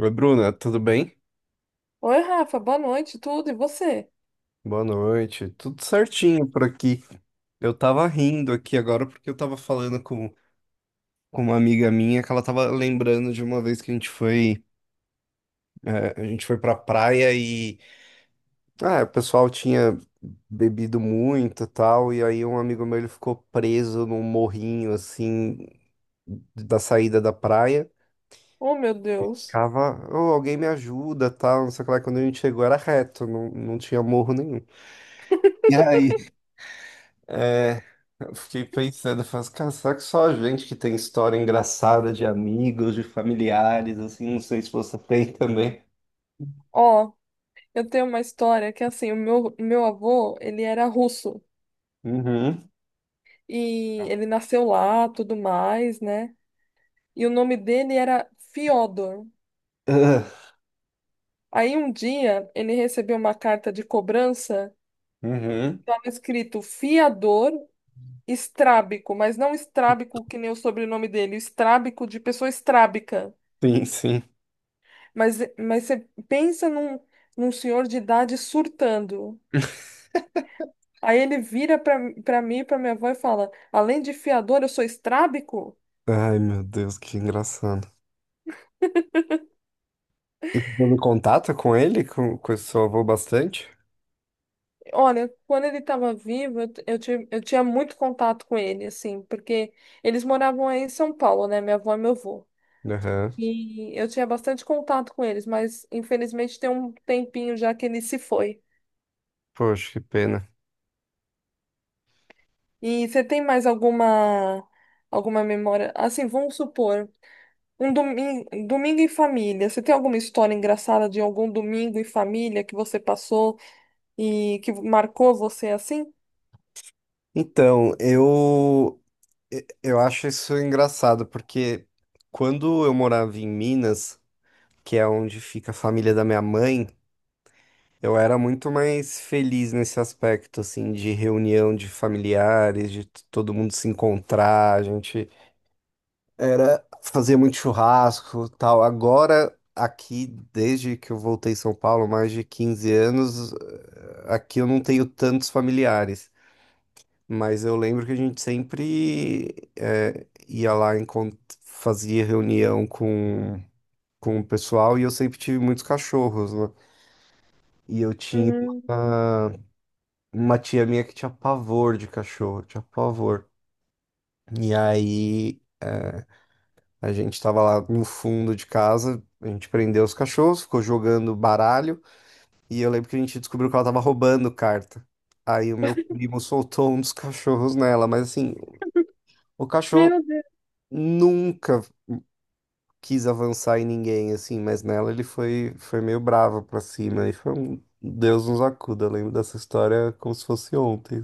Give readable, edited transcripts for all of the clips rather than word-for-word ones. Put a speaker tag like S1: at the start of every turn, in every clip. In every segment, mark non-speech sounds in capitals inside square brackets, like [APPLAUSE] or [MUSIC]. S1: Oi, Bruna, tudo bem?
S2: Oi, Rafa, boa noite, tudo, e você?
S1: Boa noite. Tudo certinho por aqui. Eu tava rindo aqui agora porque eu tava falando com uma amiga minha que ela tava lembrando de uma vez que a gente foi pra praia e o pessoal tinha bebido muito e tal, e aí um amigo meu ele ficou preso num morrinho assim da saída da praia.
S2: Oh, meu Deus.
S1: Ficava, "Ô, alguém me ajuda, tal, não sei o que lá." Quando a gente chegou era reto, não tinha morro nenhum. E aí É, eu fiquei pensando, eu faço, cara, será que só a gente que tem história engraçada de amigos, de familiares, assim, não sei se você tem também.
S2: Ó, eu tenho uma história que, assim, o meu avô, ele era russo,
S1: Uhum.
S2: e ele nasceu lá, tudo mais, né? E o nome dele era Fiodor.
S1: Ah.
S2: Aí, um dia, ele recebeu uma carta de cobrança,
S1: Uhum.
S2: estava escrito fiador estrábico, mas não estrábico que nem o sobrenome dele, estrábico de pessoa estrábica.
S1: Sim, sim.
S2: Mas você pensa num senhor de idade surtando. Aí ele pra mim, e pra minha avó e fala: além de fiador, eu sou estrábico?
S1: Ai, meu Deus, que engraçado. E você teve contato com ele, com esse seu avô bastante?
S2: Olha, quando ele estava vivo, eu, t- eu, ti- eu tinha muito contato com ele, assim, porque eles moravam aí em São Paulo, né? Minha avó e meu avô.
S1: Aham.
S2: E eu tinha bastante contato com eles, mas infelizmente tem um tempinho já que ele se foi.
S1: Poxa, que pena.
S2: E você tem mais alguma memória? Assim, vamos supor, um domingo em família. Você tem alguma história engraçada de algum domingo em família que você passou e que marcou você assim?
S1: Então, eu acho isso engraçado, porque quando eu morava em Minas, que é onde fica a família da minha mãe, eu era muito mais feliz nesse aspecto, assim, de reunião de familiares, de todo mundo se encontrar, a gente era fazia muito churrasco, tal. Agora aqui, desde que eu voltei em São Paulo, mais de 15 anos, aqui eu não tenho tantos familiares, mas eu lembro que a gente sempre ia lá fazia reunião com o pessoal e eu sempre tive muitos cachorros, né? E eu tinha
S2: Hum.
S1: uma tia minha que tinha pavor de cachorro, tinha pavor. E aí, a gente tava lá no fundo de casa, a gente prendeu os cachorros, ficou jogando baralho, e eu lembro que a gente descobriu que ela tava roubando carta. Aí o meu primo soltou um dos cachorros nela, mas assim, o cachorro
S2: Meu Deus.
S1: nunca quis avançar em ninguém, assim, mas nela ele foi meio bravo pra cima, e foi um Deus nos acuda, eu lembro dessa história como se fosse ontem.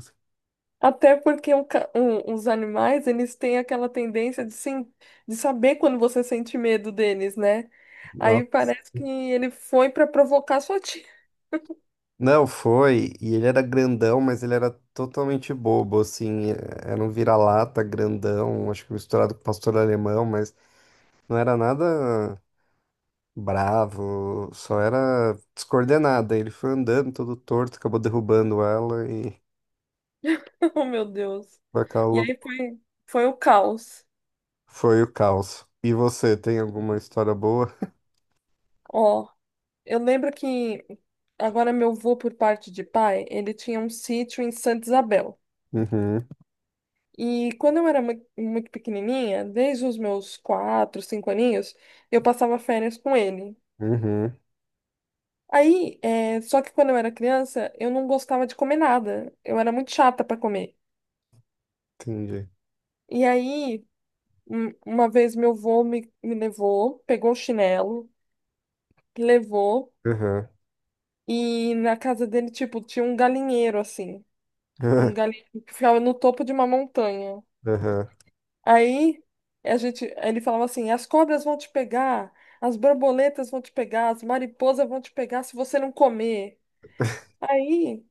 S2: Até porque os animais, eles têm aquela tendência de, de saber quando você sente medo deles, né? Aí
S1: Assim.
S2: parece que ele foi para provocar sua tia.
S1: Não, foi. E ele era grandão, mas ele era totalmente bobo, assim. Era um vira-lata grandão, acho que misturado com pastor alemão, mas não era nada bravo, só era descoordenado. Aí ele foi andando todo torto, acabou derrubando ela e
S2: [LAUGHS] Oh, meu Deus.
S1: foi aquela
S2: E
S1: lou-
S2: foi o caos.
S1: foi o caos. E você, tem alguma história boa?
S2: Ó, eu lembro que agora meu avô, por parte de pai, ele tinha um sítio em Santa Isabel.
S1: [LAUGHS]
S2: E quando eu era muito pequenininha, desde os meus quatro, cinco aninhos, eu passava férias com ele.
S1: Uhum, uhum,
S2: Aí, só que quando eu era criança, eu não gostava de comer nada. Eu era muito chata para comer.
S1: entendi.
S2: E aí, uma vez meu me levou, pegou o chinelo, me levou,
S1: Uhum,
S2: e na casa dele, tipo, tinha um galinheiro assim.
S1: uhum.
S2: Um galinheiro que ficava no topo de uma montanha. Aí a gente, ele falava assim: as cobras vão te pegar, as borboletas vão te pegar, as mariposas vão te pegar se você não comer.
S1: [LAUGHS]
S2: Aí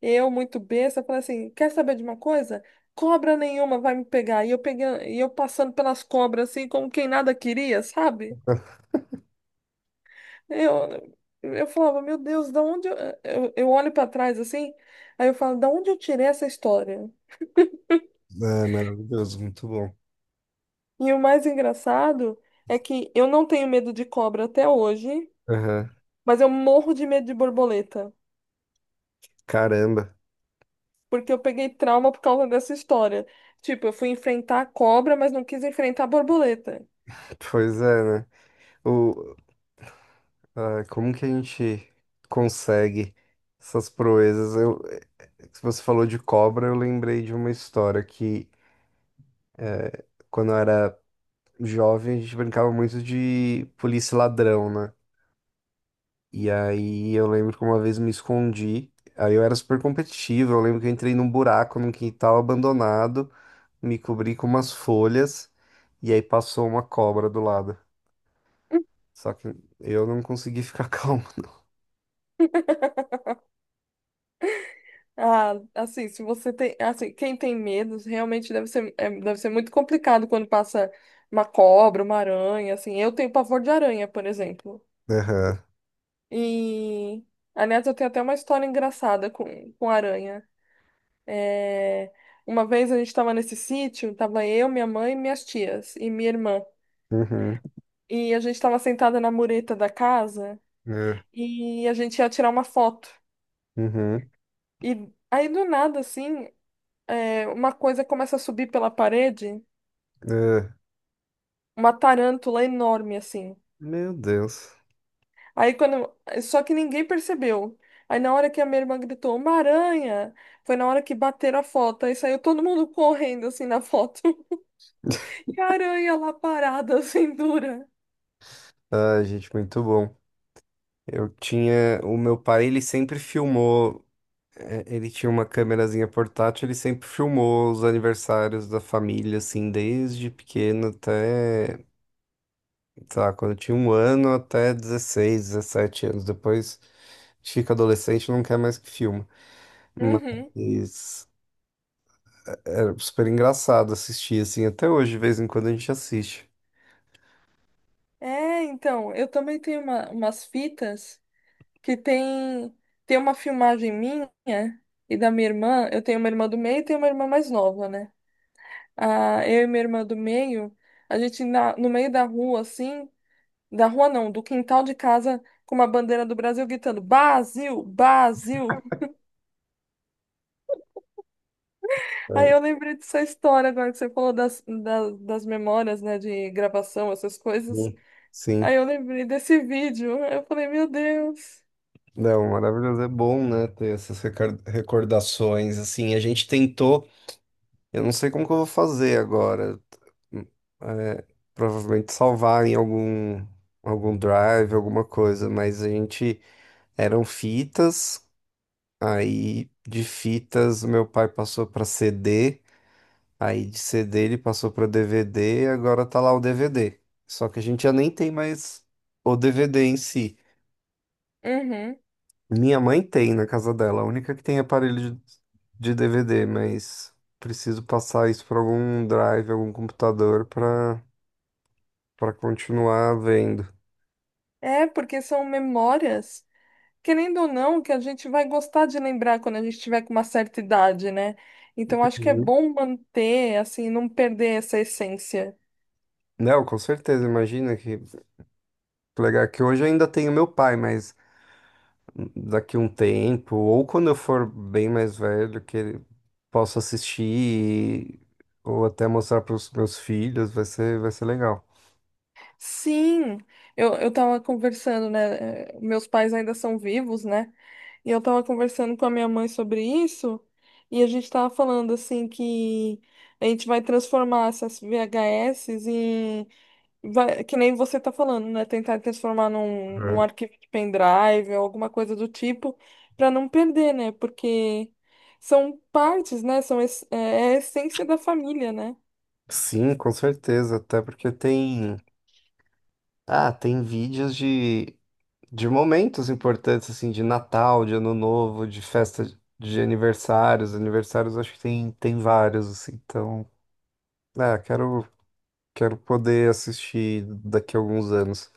S2: eu, muito besta, falei assim: quer saber de uma coisa? Cobra nenhuma vai me pegar. E eu pegando, e eu passando pelas cobras assim, como quem nada queria, sabe?
S1: [LAUGHS]
S2: Eu, eu falava: meu Deus, eu olho para trás assim? Aí eu falo: da onde eu tirei essa história?
S1: É maravilhoso, muito bom.
S2: E o mais engraçado é que eu não tenho medo de cobra até hoje.
S1: Aham.
S2: Mas eu morro de medo de borboleta,
S1: Caramba,
S2: porque eu peguei trauma por causa dessa história. Tipo, eu fui enfrentar a cobra, mas não quis enfrentar a borboleta.
S1: pois é, né? O, como que a gente consegue essas proezas? Se você falou de cobra, eu lembrei de uma história que, quando eu era jovem, a gente brincava muito de polícia e ladrão, né? E aí eu lembro que uma vez me escondi, aí eu era super competitivo, eu lembro que eu entrei num buraco num quintal abandonado, me cobri com umas folhas, e aí passou uma cobra do lado. Só que eu não consegui ficar [LAUGHS] calmo.
S2: Ah, assim, se você tem, assim, quem tem medos, realmente deve ser, deve ser muito complicado quando passa uma cobra, uma aranha, assim. Eu tenho pavor de aranha, por exemplo.
S1: Aham.
S2: E, aliás, eu tenho até uma história engraçada com aranha. é Uma vez a gente estava nesse sítio, tava eu, minha mãe e minhas tias e minha irmã.
S1: Uhum.
S2: E a gente tava sentada na mureta da casa
S1: É.
S2: e a gente ia tirar uma foto.
S1: Uhum.
S2: E aí do nada, assim, uma coisa começa a subir pela parede,
S1: É,
S2: uma tarântula enorme, assim.
S1: meu Deus.
S2: Aí quando. Só que ninguém percebeu. Aí na hora que a minha irmã gritou: uma aranha! Foi na hora que bateram a foto. Aí saiu todo mundo [LAUGHS] correndo, assim, na foto. [LAUGHS] E a aranha lá parada, [LAUGHS] assim, dura.
S1: Ai, gente, muito bom. Eu tinha. O meu pai, ele sempre filmou. Ele tinha uma câmerazinha portátil, ele sempre filmou os aniversários da família, assim, desde pequeno até, sei lá, quando eu tinha um ano até 16 17 anos. Depois a gente fica adolescente e não quer mais que filma.
S2: Uhum.
S1: Mas era super engraçado assistir, assim, até hoje, de vez em quando a gente assiste.
S2: É, então, eu também tenho umas fitas que tem tem uma filmagem minha e da minha irmã. Eu tenho uma irmã do meio e tenho uma irmã mais nova, né? Ah, eu e minha irmã do meio, no meio da rua, assim, da rua não, do quintal de casa, com uma bandeira do Brasil gritando: Brasil, Brasil! [LAUGHS] Aí eu
S1: É.
S2: lembrei dessa história agora que você falou das memórias, né, de gravação, essas coisas.
S1: Sim. Sim.
S2: Aí eu lembrei desse vídeo. Eu falei: meu Deus.
S1: Não, maravilhoso. É bom, né, ter essas recordações, assim, a gente tentou, eu não sei como que eu vou fazer agora, hum, é, provavelmente salvar em algum drive, alguma coisa, mas a gente, eram fitas, aí de fitas meu pai passou para CD, aí de CD ele passou para DVD, agora tá lá o DVD, só que a gente já nem tem mais o DVD em si.
S2: Uhum.
S1: Minha mãe tem na casa dela, a única que tem aparelho de, DVD, mas preciso passar isso para algum drive, algum computador para continuar vendo.
S2: É, porque são memórias, querendo ou não, que a gente vai gostar de lembrar quando a gente tiver com uma certa idade, né? Então acho que é
S1: Uhum.
S2: bom manter, assim, não perder essa essência.
S1: Não, com certeza, imagina que legal. É que hoje eu ainda tenho meu pai, mas daqui um tempo, ou quando eu for bem mais velho, que ele posso assistir ou até mostrar para os meus filhos, vai ser legal.
S2: Sim, eu tava conversando, né? Meus pais ainda são vivos, né? E eu tava conversando com a minha mãe sobre isso, e a gente tava falando assim que a gente vai transformar essas VHS. Vai, que nem você tá falando, né? Tentar transformar num
S1: É.
S2: arquivo de pendrive ou alguma coisa do tipo, para não perder, né? Porque são partes, né? É a essência da família, né?
S1: Sim, com certeza, até porque tem, tem vídeos de momentos importantes, assim, de Natal, de Ano Novo, de festa de aniversários. Aniversários acho que tem vários, assim. Então, é, quero, quero poder assistir daqui a alguns anos.